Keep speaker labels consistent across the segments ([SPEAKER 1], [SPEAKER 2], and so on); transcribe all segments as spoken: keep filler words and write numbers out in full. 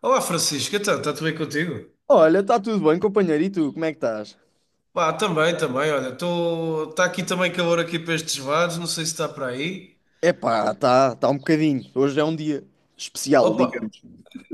[SPEAKER 1] Olá, Francisco, então, está tudo bem contigo?
[SPEAKER 2] Olha, está tudo bem, companheiro? E tu, como é que estás?
[SPEAKER 1] Pá, também, também, olha, estou está aqui também calor aqui para estes lados, não sei se está para aí.
[SPEAKER 2] Epá, está tá tá um bocadinho. Hoje é um dia especial,
[SPEAKER 1] Opa,
[SPEAKER 2] digamos.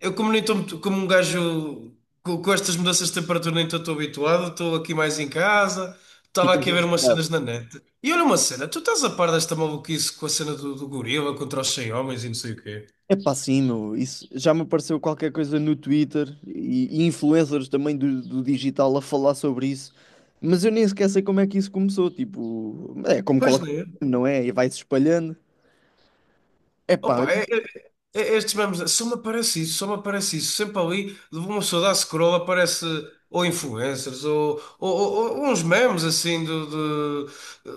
[SPEAKER 1] eu como nem estou muito- como um gajo co- com, estas mudanças de temperatura nem estou habituado, estou aqui mais em casa, estava
[SPEAKER 2] Ficas
[SPEAKER 1] aqui a
[SPEAKER 2] bem
[SPEAKER 1] ver umas
[SPEAKER 2] espantado.
[SPEAKER 1] cenas na net. E olha uma cena, tu estás a par desta maluquice com a cena do, do gorila contra os cem homens e não sei o quê?
[SPEAKER 2] Epá, sim, meu. Isso já me apareceu qualquer coisa no Twitter e, e influencers também do, do digital a falar sobre isso. Mas eu nem sequer sei como é que isso começou. Tipo, é como
[SPEAKER 1] Pois não
[SPEAKER 2] qualquer,
[SPEAKER 1] é?
[SPEAKER 2] não é? E vai-se espalhando. Epá,
[SPEAKER 1] Opa, é- é- é- estes memes, só me aparece isso, só me aparece isso. Sempre ali, uma pessoa dá scroll, aparece ou influencers, ou, ou- ou- ou uns memes assim, do, do-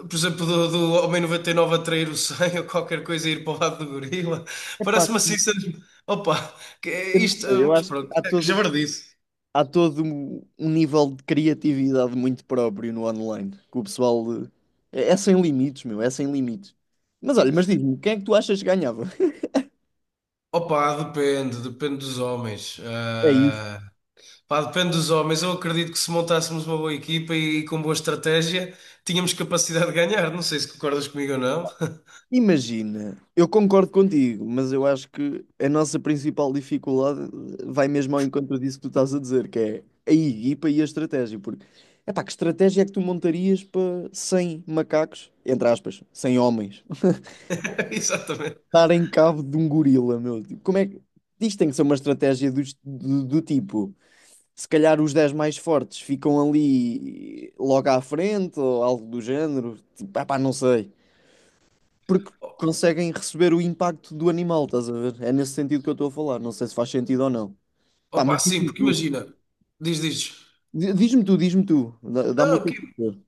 [SPEAKER 1] por exemplo, do, do Homem noventa e nove a trair o cem ou qualquer coisa e ir para o lado do gorila.
[SPEAKER 2] epá,
[SPEAKER 1] Parece-me
[SPEAKER 2] sim,
[SPEAKER 1] assim, sempre- opa, que é
[SPEAKER 2] eu não
[SPEAKER 1] isto,
[SPEAKER 2] sei. Eu
[SPEAKER 1] mas
[SPEAKER 2] acho que
[SPEAKER 1] pronto,
[SPEAKER 2] há
[SPEAKER 1] é que
[SPEAKER 2] todo
[SPEAKER 1] já disse.
[SPEAKER 2] há todo um, um nível de criatividade muito próprio no online, que o pessoal eh, é, é sem limites, meu, é sem limites. Mas olha, mas diz-me, quem é que tu achas que ganhava?
[SPEAKER 1] Opa, depende, depende dos homens.
[SPEAKER 2] É isso.
[SPEAKER 1] Ah, pá, depende dos homens. Eu acredito que se montássemos uma boa equipa e com boa estratégia, tínhamos capacidade de ganhar. Não sei se concordas comigo ou não.
[SPEAKER 2] Imagina, eu concordo contigo, mas eu acho que a nossa principal dificuldade vai mesmo ao encontro disso que tu estás a dizer, que é a equipa e a estratégia, porque epá, que estratégia é que tu montarias para cem macacos, entre aspas, cem homens?
[SPEAKER 1] Exatamente.
[SPEAKER 2] Dar em cabo de um gorila, meu. Tipo, como é que. Isto tem que ser uma estratégia do, do, do tipo. Se calhar os dez mais fortes ficam ali logo à frente ou algo do género. Tipo, ah pá, não sei. Porque conseguem receber o impacto do animal, estás a ver? É nesse sentido que eu estou a falar. Não sei se faz sentido ou não. Pá, mas
[SPEAKER 1] Opa, sim,
[SPEAKER 2] diz-me
[SPEAKER 1] porque
[SPEAKER 2] tu.
[SPEAKER 1] imagina. Diz, diz.
[SPEAKER 2] Di- Diz-me tu, diz-me tu. Dá- Dá-me
[SPEAKER 1] Não,
[SPEAKER 2] o teu
[SPEAKER 1] ok.
[SPEAKER 2] parecer.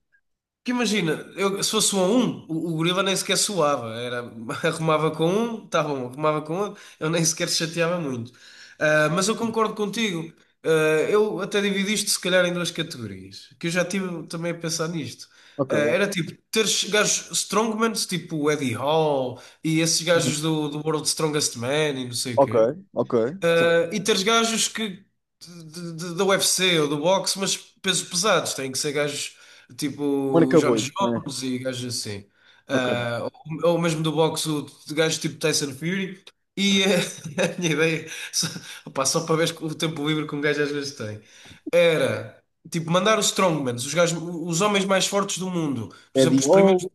[SPEAKER 1] Que imagina, eu, se fosse um a um, o, o gorila nem sequer suava. Era, arrumava com um, tá bom, arrumava com outro, eu nem sequer chateava muito. Ah, mas eu concordo contigo. Ah, eu até dividi isto, se calhar, em duas categorias, que eu já tive também a pensar nisto.
[SPEAKER 2] Ok,
[SPEAKER 1] Ah, era tipo, teres gajos strongmans, tipo o Eddie Hall, e esses
[SPEAKER 2] ok,
[SPEAKER 1] gajos do, do World Strongest Man, e não sei o
[SPEAKER 2] ok.
[SPEAKER 1] quê.
[SPEAKER 2] Ok. Certo.
[SPEAKER 1] Ah, e teres gajos que de- de- da U F C ou do boxe, mas pesos pesados, têm que ser gajos tipo o
[SPEAKER 2] Marca
[SPEAKER 1] Jones
[SPEAKER 2] boi, né?
[SPEAKER 1] Jones e gajos assim.
[SPEAKER 2] Ok.
[SPEAKER 1] Ah, ou, ou mesmo do boxe, o- de gajos tipo Tyson Fury. E eh, a minha ideia, só, opá, só para ver o tempo livre que um gajo às vezes tem, era tipo mandar os strongmans, os gajos, os homens mais fortes do mundo, por
[SPEAKER 2] É
[SPEAKER 1] exemplo,
[SPEAKER 2] de.
[SPEAKER 1] os primeiros,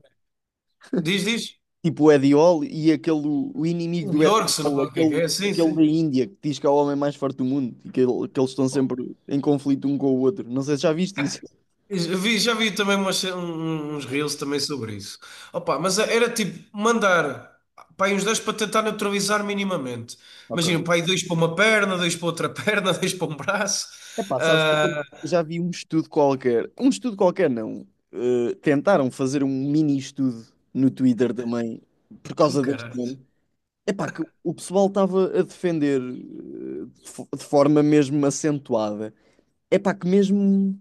[SPEAKER 1] diz, diz,
[SPEAKER 2] Tipo o Eddie Hall e aquele, o inimigo
[SPEAKER 1] o
[SPEAKER 2] do Eddie
[SPEAKER 1] Bjork, se não
[SPEAKER 2] Hall,
[SPEAKER 1] é o que é, que
[SPEAKER 2] aquele,
[SPEAKER 1] é, sim,
[SPEAKER 2] aquele da
[SPEAKER 1] sim.
[SPEAKER 2] Índia, que diz que é o homem mais forte do mundo e que, ele- que eles estão sempre em conflito um com o outro. Não sei se já viste isso.
[SPEAKER 1] Eu vi- já vi também umas- um- um, uns reels também sobre isso. Opa, mas era tipo mandar pá, aí uns dois para tentar neutralizar minimamente.
[SPEAKER 2] Ok.
[SPEAKER 1] Imagina, pá, aí dois para uma perna, dois para outra perna, dois para um braço.
[SPEAKER 2] Epá, sabes que eu
[SPEAKER 1] Ah,
[SPEAKER 2] também já vi um estudo qualquer. Um estudo qualquer, não. Eh, tentaram fazer um mini estudo no Twitter também, por
[SPEAKER 1] com
[SPEAKER 2] causa deste
[SPEAKER 1] caralho.
[SPEAKER 2] nome. Epá, que o pessoal estava a defender eh, de fo- de forma mesmo acentuada. Epá, que mesmo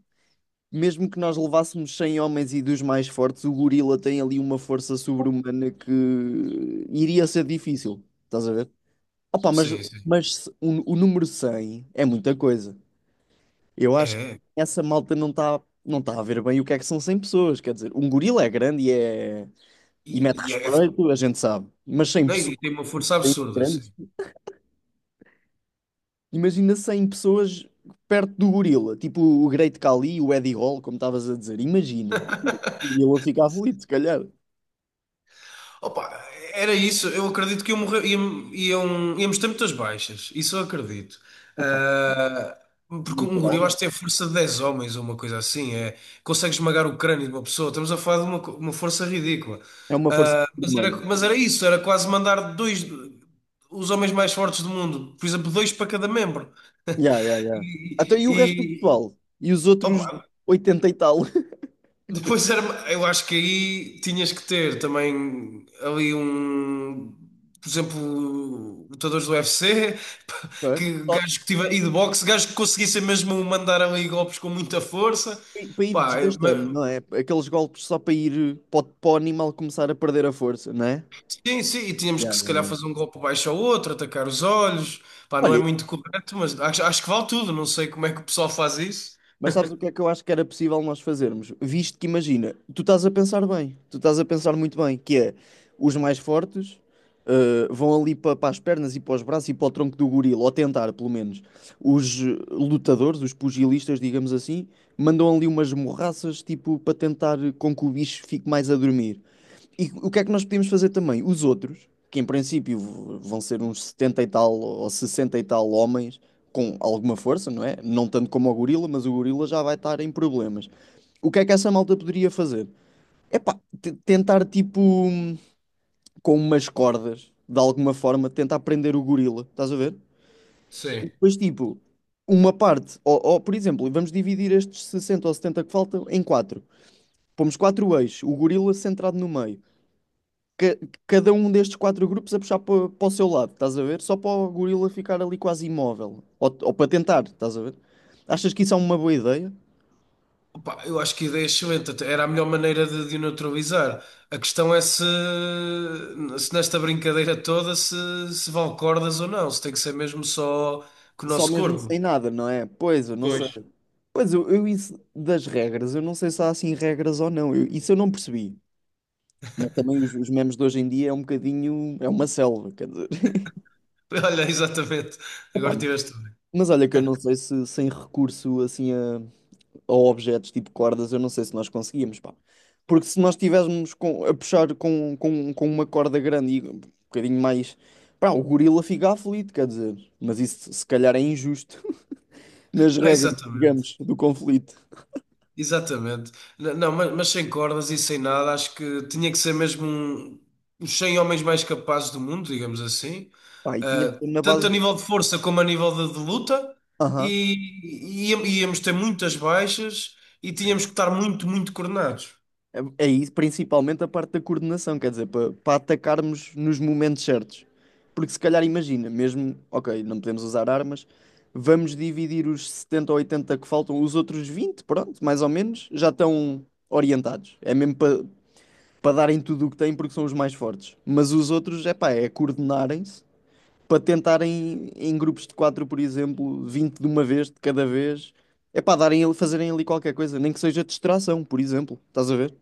[SPEAKER 2] mesmo que nós levássemos cem homens e dos mais fortes, o gorila tem ali uma força sobre-humana que iria ser difícil, estás a ver? Opa, mas,
[SPEAKER 1] Sim, sim.
[SPEAKER 2] mas se- o, o número cem é muita coisa. Eu acho que
[SPEAKER 1] É.
[SPEAKER 2] essa malta não está não tá a ver bem o que é que são cem pessoas. Quer dizer, um gorila é grande e, é,
[SPEAKER 1] E,
[SPEAKER 2] e mete
[SPEAKER 1] e é-
[SPEAKER 2] respeito, a gente sabe. Mas cem
[SPEAKER 1] não,
[SPEAKER 2] pessoas
[SPEAKER 1] e tem uma força
[SPEAKER 2] é
[SPEAKER 1] absurda, assim.
[SPEAKER 2] grande. Imagina cem pessoas perto do gorila, tipo o Great Khali, o Eddie Hall, como estavas a dizer. Imagina. O gorila ficava ali, se calhar.
[SPEAKER 1] Opa, era isso. Eu acredito que iam morrer, iam, iam, íamos ter muitas baixas. Isso eu acredito. Ah, Porque um gorila acho
[SPEAKER 2] Literal.
[SPEAKER 1] que tem a força de dez homens ou uma coisa assim. É, consegue esmagar o crânio de uma pessoa. Estamos a falar de uma, co- uma força ridícula.
[SPEAKER 2] É uma força
[SPEAKER 1] Mas era,
[SPEAKER 2] humana.
[SPEAKER 1] mas era isso. Era quase mandar dois, os homens mais fortes do mundo. Por exemplo, dois para cada membro.
[SPEAKER 2] Yeah, yeah, yeah.
[SPEAKER 1] E,
[SPEAKER 2] Então, e o resto do
[SPEAKER 1] e-
[SPEAKER 2] pessoal? E os outros
[SPEAKER 1] opa,
[SPEAKER 2] oitenta e tal?
[SPEAKER 1] depois era, eu acho que aí tinhas que ter também ali um, por exemplo, lutadores do U F C,
[SPEAKER 2] Pá,
[SPEAKER 1] que
[SPEAKER 2] só
[SPEAKER 1] gajos que tiver, e de boxe, gajos que conseguissem mesmo mandar ali golpes com muita força.
[SPEAKER 2] para ir
[SPEAKER 1] Pá, eu-
[SPEAKER 2] desgastando,
[SPEAKER 1] mas-
[SPEAKER 2] não é? Aqueles golpes só para ir para o, para o animal começar a perder a força, não é?
[SPEAKER 1] sim, sim, e tínhamos
[SPEAKER 2] Yeah,
[SPEAKER 1] que se
[SPEAKER 2] yeah,
[SPEAKER 1] calhar
[SPEAKER 2] yeah.
[SPEAKER 1] fazer um golpe baixo ao outro, atacar os olhos. Pá, não é
[SPEAKER 2] Olha,
[SPEAKER 1] muito correto, mas acho, acho que vale tudo. Não sei como é que o pessoal faz isso.
[SPEAKER 2] mas sabes o que é que eu acho que era possível nós fazermos? Visto que, imagina, tu estás a pensar bem, tu estás a pensar muito bem, que é os mais fortes eh, vão ali para as pernas e para os braços e para o tronco do gorila, ou tentar, pelo menos. Os eh, lutadores, os pugilistas, digamos assim, mandam ali umas morraças, tipo, para tentar com que o bicho fique mais a dormir. E o que é que nós podíamos fazer também? Os outros, que em princípio v- vão ser uns setenta e tal ou sessenta e tal homens, com alguma força, não é? Não tanto como o gorila, mas o gorila já vai estar em problemas. O que é que essa malta poderia fazer? É pá, t- tentar tipo hum, com umas cordas, de alguma forma, tentar prender o gorila, estás a ver?
[SPEAKER 1] Sim.
[SPEAKER 2] E depois tipo, uma parte, ou, ou, por exemplo, vamos dividir estes sessenta ou setenta que faltam em quatro. Pomos quatro eixos, o gorila centrado no meio. ca- Cada um destes quatro grupos a puxar para, para o seu lado, estás a ver? Só para o gorila ficar ali quase imóvel. Ou, ou para tentar, estás a ver? Achas que isso é uma boa ideia?
[SPEAKER 1] Pá, eu acho que a ideia é excelente, até era a melhor maneira de, de o neutralizar. A questão é se, se nesta brincadeira toda se, se vale cordas ou não, se tem que ser mesmo só com o
[SPEAKER 2] Só
[SPEAKER 1] nosso
[SPEAKER 2] mesmo
[SPEAKER 1] corpo.
[SPEAKER 2] sem nada, não é? Pois, eu não sei.
[SPEAKER 1] Pois.
[SPEAKER 2] Pois, eu, eu isso das regras, eu não sei se há assim regras ou não. Eu- isso eu não percebi. Mas também os, os memes de hoje em dia é um bocadinho. É uma selva, quer dizer.
[SPEAKER 1] Olha, exatamente.
[SPEAKER 2] Opa,
[SPEAKER 1] Agora tiveste bem.
[SPEAKER 2] mas olha que eu não sei se sem recurso assim a, ou objetos tipo cordas, eu não sei se nós conseguíamos, pá. Porque se nós estivéssemos com- a puxar com, com, com uma corda grande e um bocadinho mais, pá, o gorila fica aflito, quer dizer. Mas isso se calhar é injusto nas regras,
[SPEAKER 1] Exatamente.
[SPEAKER 2] digamos, do conflito.
[SPEAKER 1] Exatamente. N- Não, mas, mas sem cordas e sem nada, acho que tinha que ser mesmo um, os cem homens mais capazes do mundo, digamos assim.
[SPEAKER 2] Pá, e tinha que
[SPEAKER 1] Ah,
[SPEAKER 2] ser na
[SPEAKER 1] tanto a
[SPEAKER 2] base.
[SPEAKER 1] nível de força como a nível de, de luta,
[SPEAKER 2] Aham.
[SPEAKER 1] e, e íamos ter muitas baixas e tínhamos que estar muito, muito coordenados.
[SPEAKER 2] É é isso, principalmente a parte da coordenação, quer dizer, para atacarmos nos momentos certos. Porque se calhar imagina, mesmo, ok, não podemos usar armas, vamos dividir os setenta ou oitenta que faltam, os outros vinte, pronto, mais ou menos, já estão orientados. É mesmo para para darem tudo o que têm porque são os mais fortes. Mas os outros, é pá, é coordenarem-se para tentarem em grupos de quatro, por exemplo, vinte de uma vez, de cada vez, é para darem, ali- fazerem ali qualquer coisa, nem que seja distração, por exemplo, estás a ver?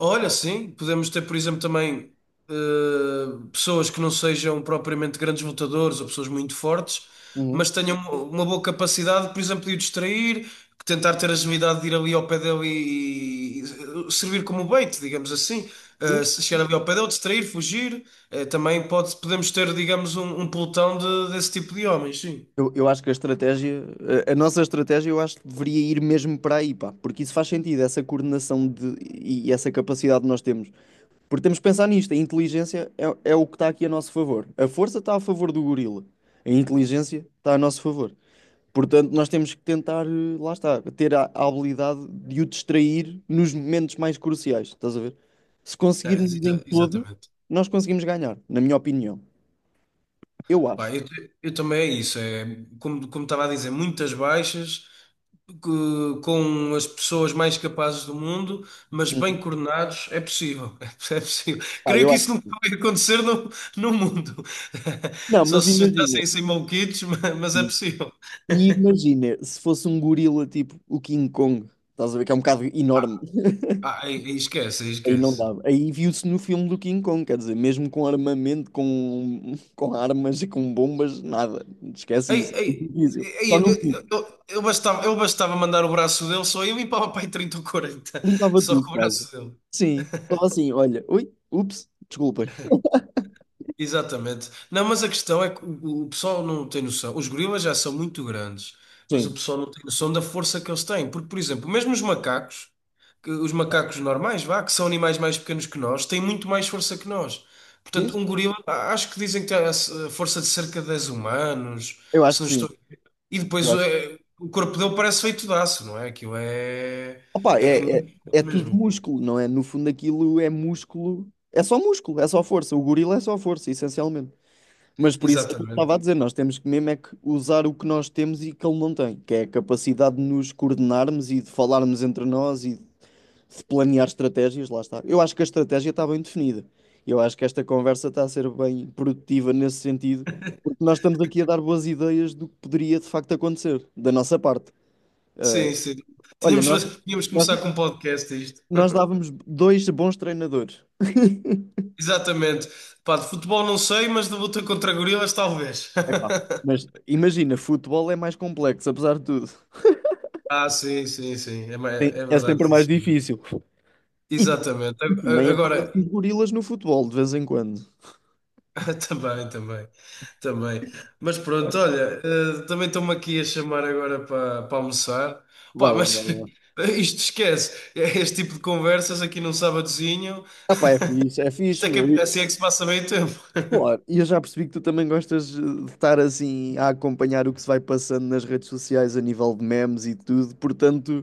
[SPEAKER 1] Olha, sim, podemos ter, por exemplo, também eh, pessoas que não sejam propriamente grandes lutadores ou pessoas muito fortes, mas tenham uma boa capacidade, por exemplo, de o distrair, tentar ter agilidade de ir ali ao pé dele e, e servir como bait, digamos assim.
[SPEAKER 2] Sim.
[SPEAKER 1] Eh, se chegar ali ao pé dele, distrair, fugir. Eh, também pode, podemos ter, digamos, um, um pelotão de- desse tipo de homens, sim.
[SPEAKER 2] Eu, eu acho que a estratégia, a, a nossa estratégia, eu acho que deveria ir mesmo para aí, pá, porque isso faz sentido, essa coordenação de, e essa capacidade que nós temos. Porque temos que pensar nisto, a inteligência é, é o que está aqui a nosso favor. A força está a favor do gorila, a inteligência está a nosso favor. Portanto, nós temos que tentar, eh, lá está, ter a, a habilidade de o distrair nos momentos mais cruciais, estás a ver? Se
[SPEAKER 1] É,
[SPEAKER 2] conseguirmos em
[SPEAKER 1] exa-
[SPEAKER 2] todos,
[SPEAKER 1] exatamente.
[SPEAKER 2] nós conseguimos ganhar, na minha opinião. Eu
[SPEAKER 1] Pá,
[SPEAKER 2] acho.
[SPEAKER 1] eu, eu também é isso, é, como, como estava a dizer, muitas baixas. Que- com as pessoas mais capazes do mundo, mas bem
[SPEAKER 2] Uhum.
[SPEAKER 1] coordenados, é possível. É possível.
[SPEAKER 2] Pá,
[SPEAKER 1] Creio
[SPEAKER 2] eu
[SPEAKER 1] que
[SPEAKER 2] acho.
[SPEAKER 1] isso nunca vai acontecer no, no mundo.
[SPEAKER 2] Não,
[SPEAKER 1] Só
[SPEAKER 2] mas
[SPEAKER 1] se
[SPEAKER 2] imagina.
[SPEAKER 1] juntassem sem maluquitos, ma- mas é
[SPEAKER 2] E
[SPEAKER 1] possível.
[SPEAKER 2] e imagina, se fosse um gorila tipo o King Kong, estás a ver que é um bocado
[SPEAKER 1] Ah,
[SPEAKER 2] enorme.
[SPEAKER 1] ah, aí- aí esquece, aí
[SPEAKER 2] Aí não
[SPEAKER 1] esquece.
[SPEAKER 2] dava. Aí viu-se no filme do King Kong, quer dizer, mesmo com armamento, com, com armas e com bombas, nada. Esquece
[SPEAKER 1] Ei,
[SPEAKER 2] isso.
[SPEAKER 1] ei,
[SPEAKER 2] É difícil.
[SPEAKER 1] ei,
[SPEAKER 2] Só
[SPEAKER 1] eu,
[SPEAKER 2] no cu.
[SPEAKER 1] eu- eu bastava, eu bastava mandar o braço dele, só eu limpava para aí trinta ou quarenta,
[SPEAKER 2] Limpava
[SPEAKER 1] só
[SPEAKER 2] tudo,
[SPEAKER 1] com o
[SPEAKER 2] quase.
[SPEAKER 1] braço dele.
[SPEAKER 2] Sim. Só assim, olha. Ui, ups, desculpem.
[SPEAKER 1] Exatamente. Não, mas a questão é que o, o pessoal não tem noção. Os gorilas já são muito grandes, mas o
[SPEAKER 2] Sim.
[SPEAKER 1] pessoal não tem noção da força que eles têm. Porque, por exemplo, mesmo os macacos, que- os macacos normais, vá, que são animais mais pequenos que nós, têm muito mais força que nós. Portanto,
[SPEAKER 2] Diz?
[SPEAKER 1] um gorila, a- acho que dizem que tem a s- a força de cerca de dez humanos,
[SPEAKER 2] Eu acho
[SPEAKER 1] se
[SPEAKER 2] que
[SPEAKER 1] não
[SPEAKER 2] sim.
[SPEAKER 1] estou. E
[SPEAKER 2] Eu
[SPEAKER 1] depois
[SPEAKER 2] acho.
[SPEAKER 1] é, o corpo dele parece feito de aço, não é? Aquilo é,
[SPEAKER 2] Opa,
[SPEAKER 1] é, é
[SPEAKER 2] é, é,
[SPEAKER 1] muito
[SPEAKER 2] é
[SPEAKER 1] forte
[SPEAKER 2] tudo
[SPEAKER 1] mesmo.
[SPEAKER 2] músculo, não é? No fundo, aquilo é músculo. É só músculo, é só força. O gorila é só força, essencialmente. Mas por isso é que eu estava
[SPEAKER 1] Exatamente.
[SPEAKER 2] a dizer, nós temos que mesmo é que usar o que nós temos e que ele não tem, que é a capacidade de nos coordenarmos e de falarmos entre nós e de planear estratégias, lá está. Eu acho que a estratégia está bem definida. Eu acho que esta conversa está a ser bem produtiva nesse sentido, porque nós estamos aqui a dar boas ideias do que poderia de facto acontecer, da nossa parte. Ah,
[SPEAKER 1] Sim, sim.
[SPEAKER 2] olha,
[SPEAKER 1] Tínhamos,
[SPEAKER 2] nós,
[SPEAKER 1] tínhamos que
[SPEAKER 2] nós,
[SPEAKER 1] começar com um podcast a isto.
[SPEAKER 2] nós dávamos dois bons treinadores.
[SPEAKER 1] Exatamente. Pá, de futebol não sei, mas de luta contra gorilas talvez.
[SPEAKER 2] Epá, mas imagina, futebol é mais complexo, apesar de tudo.
[SPEAKER 1] Ah, sim, sim, sim. É, ma-
[SPEAKER 2] Tem-
[SPEAKER 1] é
[SPEAKER 2] É
[SPEAKER 1] verdade,
[SPEAKER 2] sempre
[SPEAKER 1] sim,
[SPEAKER 2] mais
[SPEAKER 1] senhor.
[SPEAKER 2] difícil. E, tam-
[SPEAKER 1] Exatamente.
[SPEAKER 2] e
[SPEAKER 1] A- a-
[SPEAKER 2] também aparecem os
[SPEAKER 1] Agora,
[SPEAKER 2] gorilas no futebol de vez em quando.
[SPEAKER 1] também, também, também. Mas pronto, olha, eh, também estou-me aqui a chamar agora para para almoçar. Pá,
[SPEAKER 2] Vai lá, vai
[SPEAKER 1] mas
[SPEAKER 2] lá.
[SPEAKER 1] isto esquece. Este tipo de conversas aqui num sábadozinho,
[SPEAKER 2] Ah, pá, é fixe, é
[SPEAKER 1] isto
[SPEAKER 2] fixe,
[SPEAKER 1] é
[SPEAKER 2] meu.
[SPEAKER 1] que,
[SPEAKER 2] E.
[SPEAKER 1] assim é que se passa meio tempo.
[SPEAKER 2] Claro, e eu já percebi que tu também gostas eh, de estar assim a acompanhar o que se vai passando nas redes sociais a nível de memes e tudo. Portanto,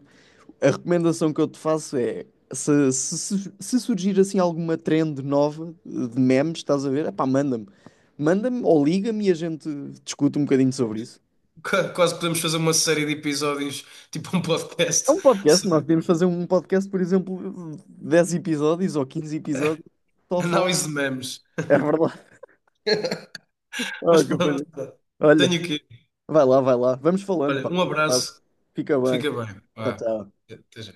[SPEAKER 2] a recomendação que eu te faço é: se, se, su- se surgir assim alguma trend nova eh, de memes, estás a ver? Epá, manda-me. Manda-me ou liga-me e a gente discute um bocadinho sobre isso.
[SPEAKER 1] Qua- Quase podemos fazer uma série de episódios, tipo um
[SPEAKER 2] É
[SPEAKER 1] podcast,
[SPEAKER 2] um podcast, nós podemos
[SPEAKER 1] sobre
[SPEAKER 2] fazer um podcast, por exemplo, dez episódios ou quinze episódios, só a falar.
[SPEAKER 1] análise de memes.
[SPEAKER 2] É verdade. Ah,
[SPEAKER 1] Mas
[SPEAKER 2] que coisa.
[SPEAKER 1] pronto, tenho
[SPEAKER 2] Olha,
[SPEAKER 1] que.
[SPEAKER 2] vai lá, vai lá. Vamos falando,
[SPEAKER 1] Olha,
[SPEAKER 2] pá.
[SPEAKER 1] um
[SPEAKER 2] Um abraço.
[SPEAKER 1] abraço,
[SPEAKER 2] Fica bem.
[SPEAKER 1] fica bem.
[SPEAKER 2] Tchau,
[SPEAKER 1] Vá,
[SPEAKER 2] tchau.
[SPEAKER 1] até já.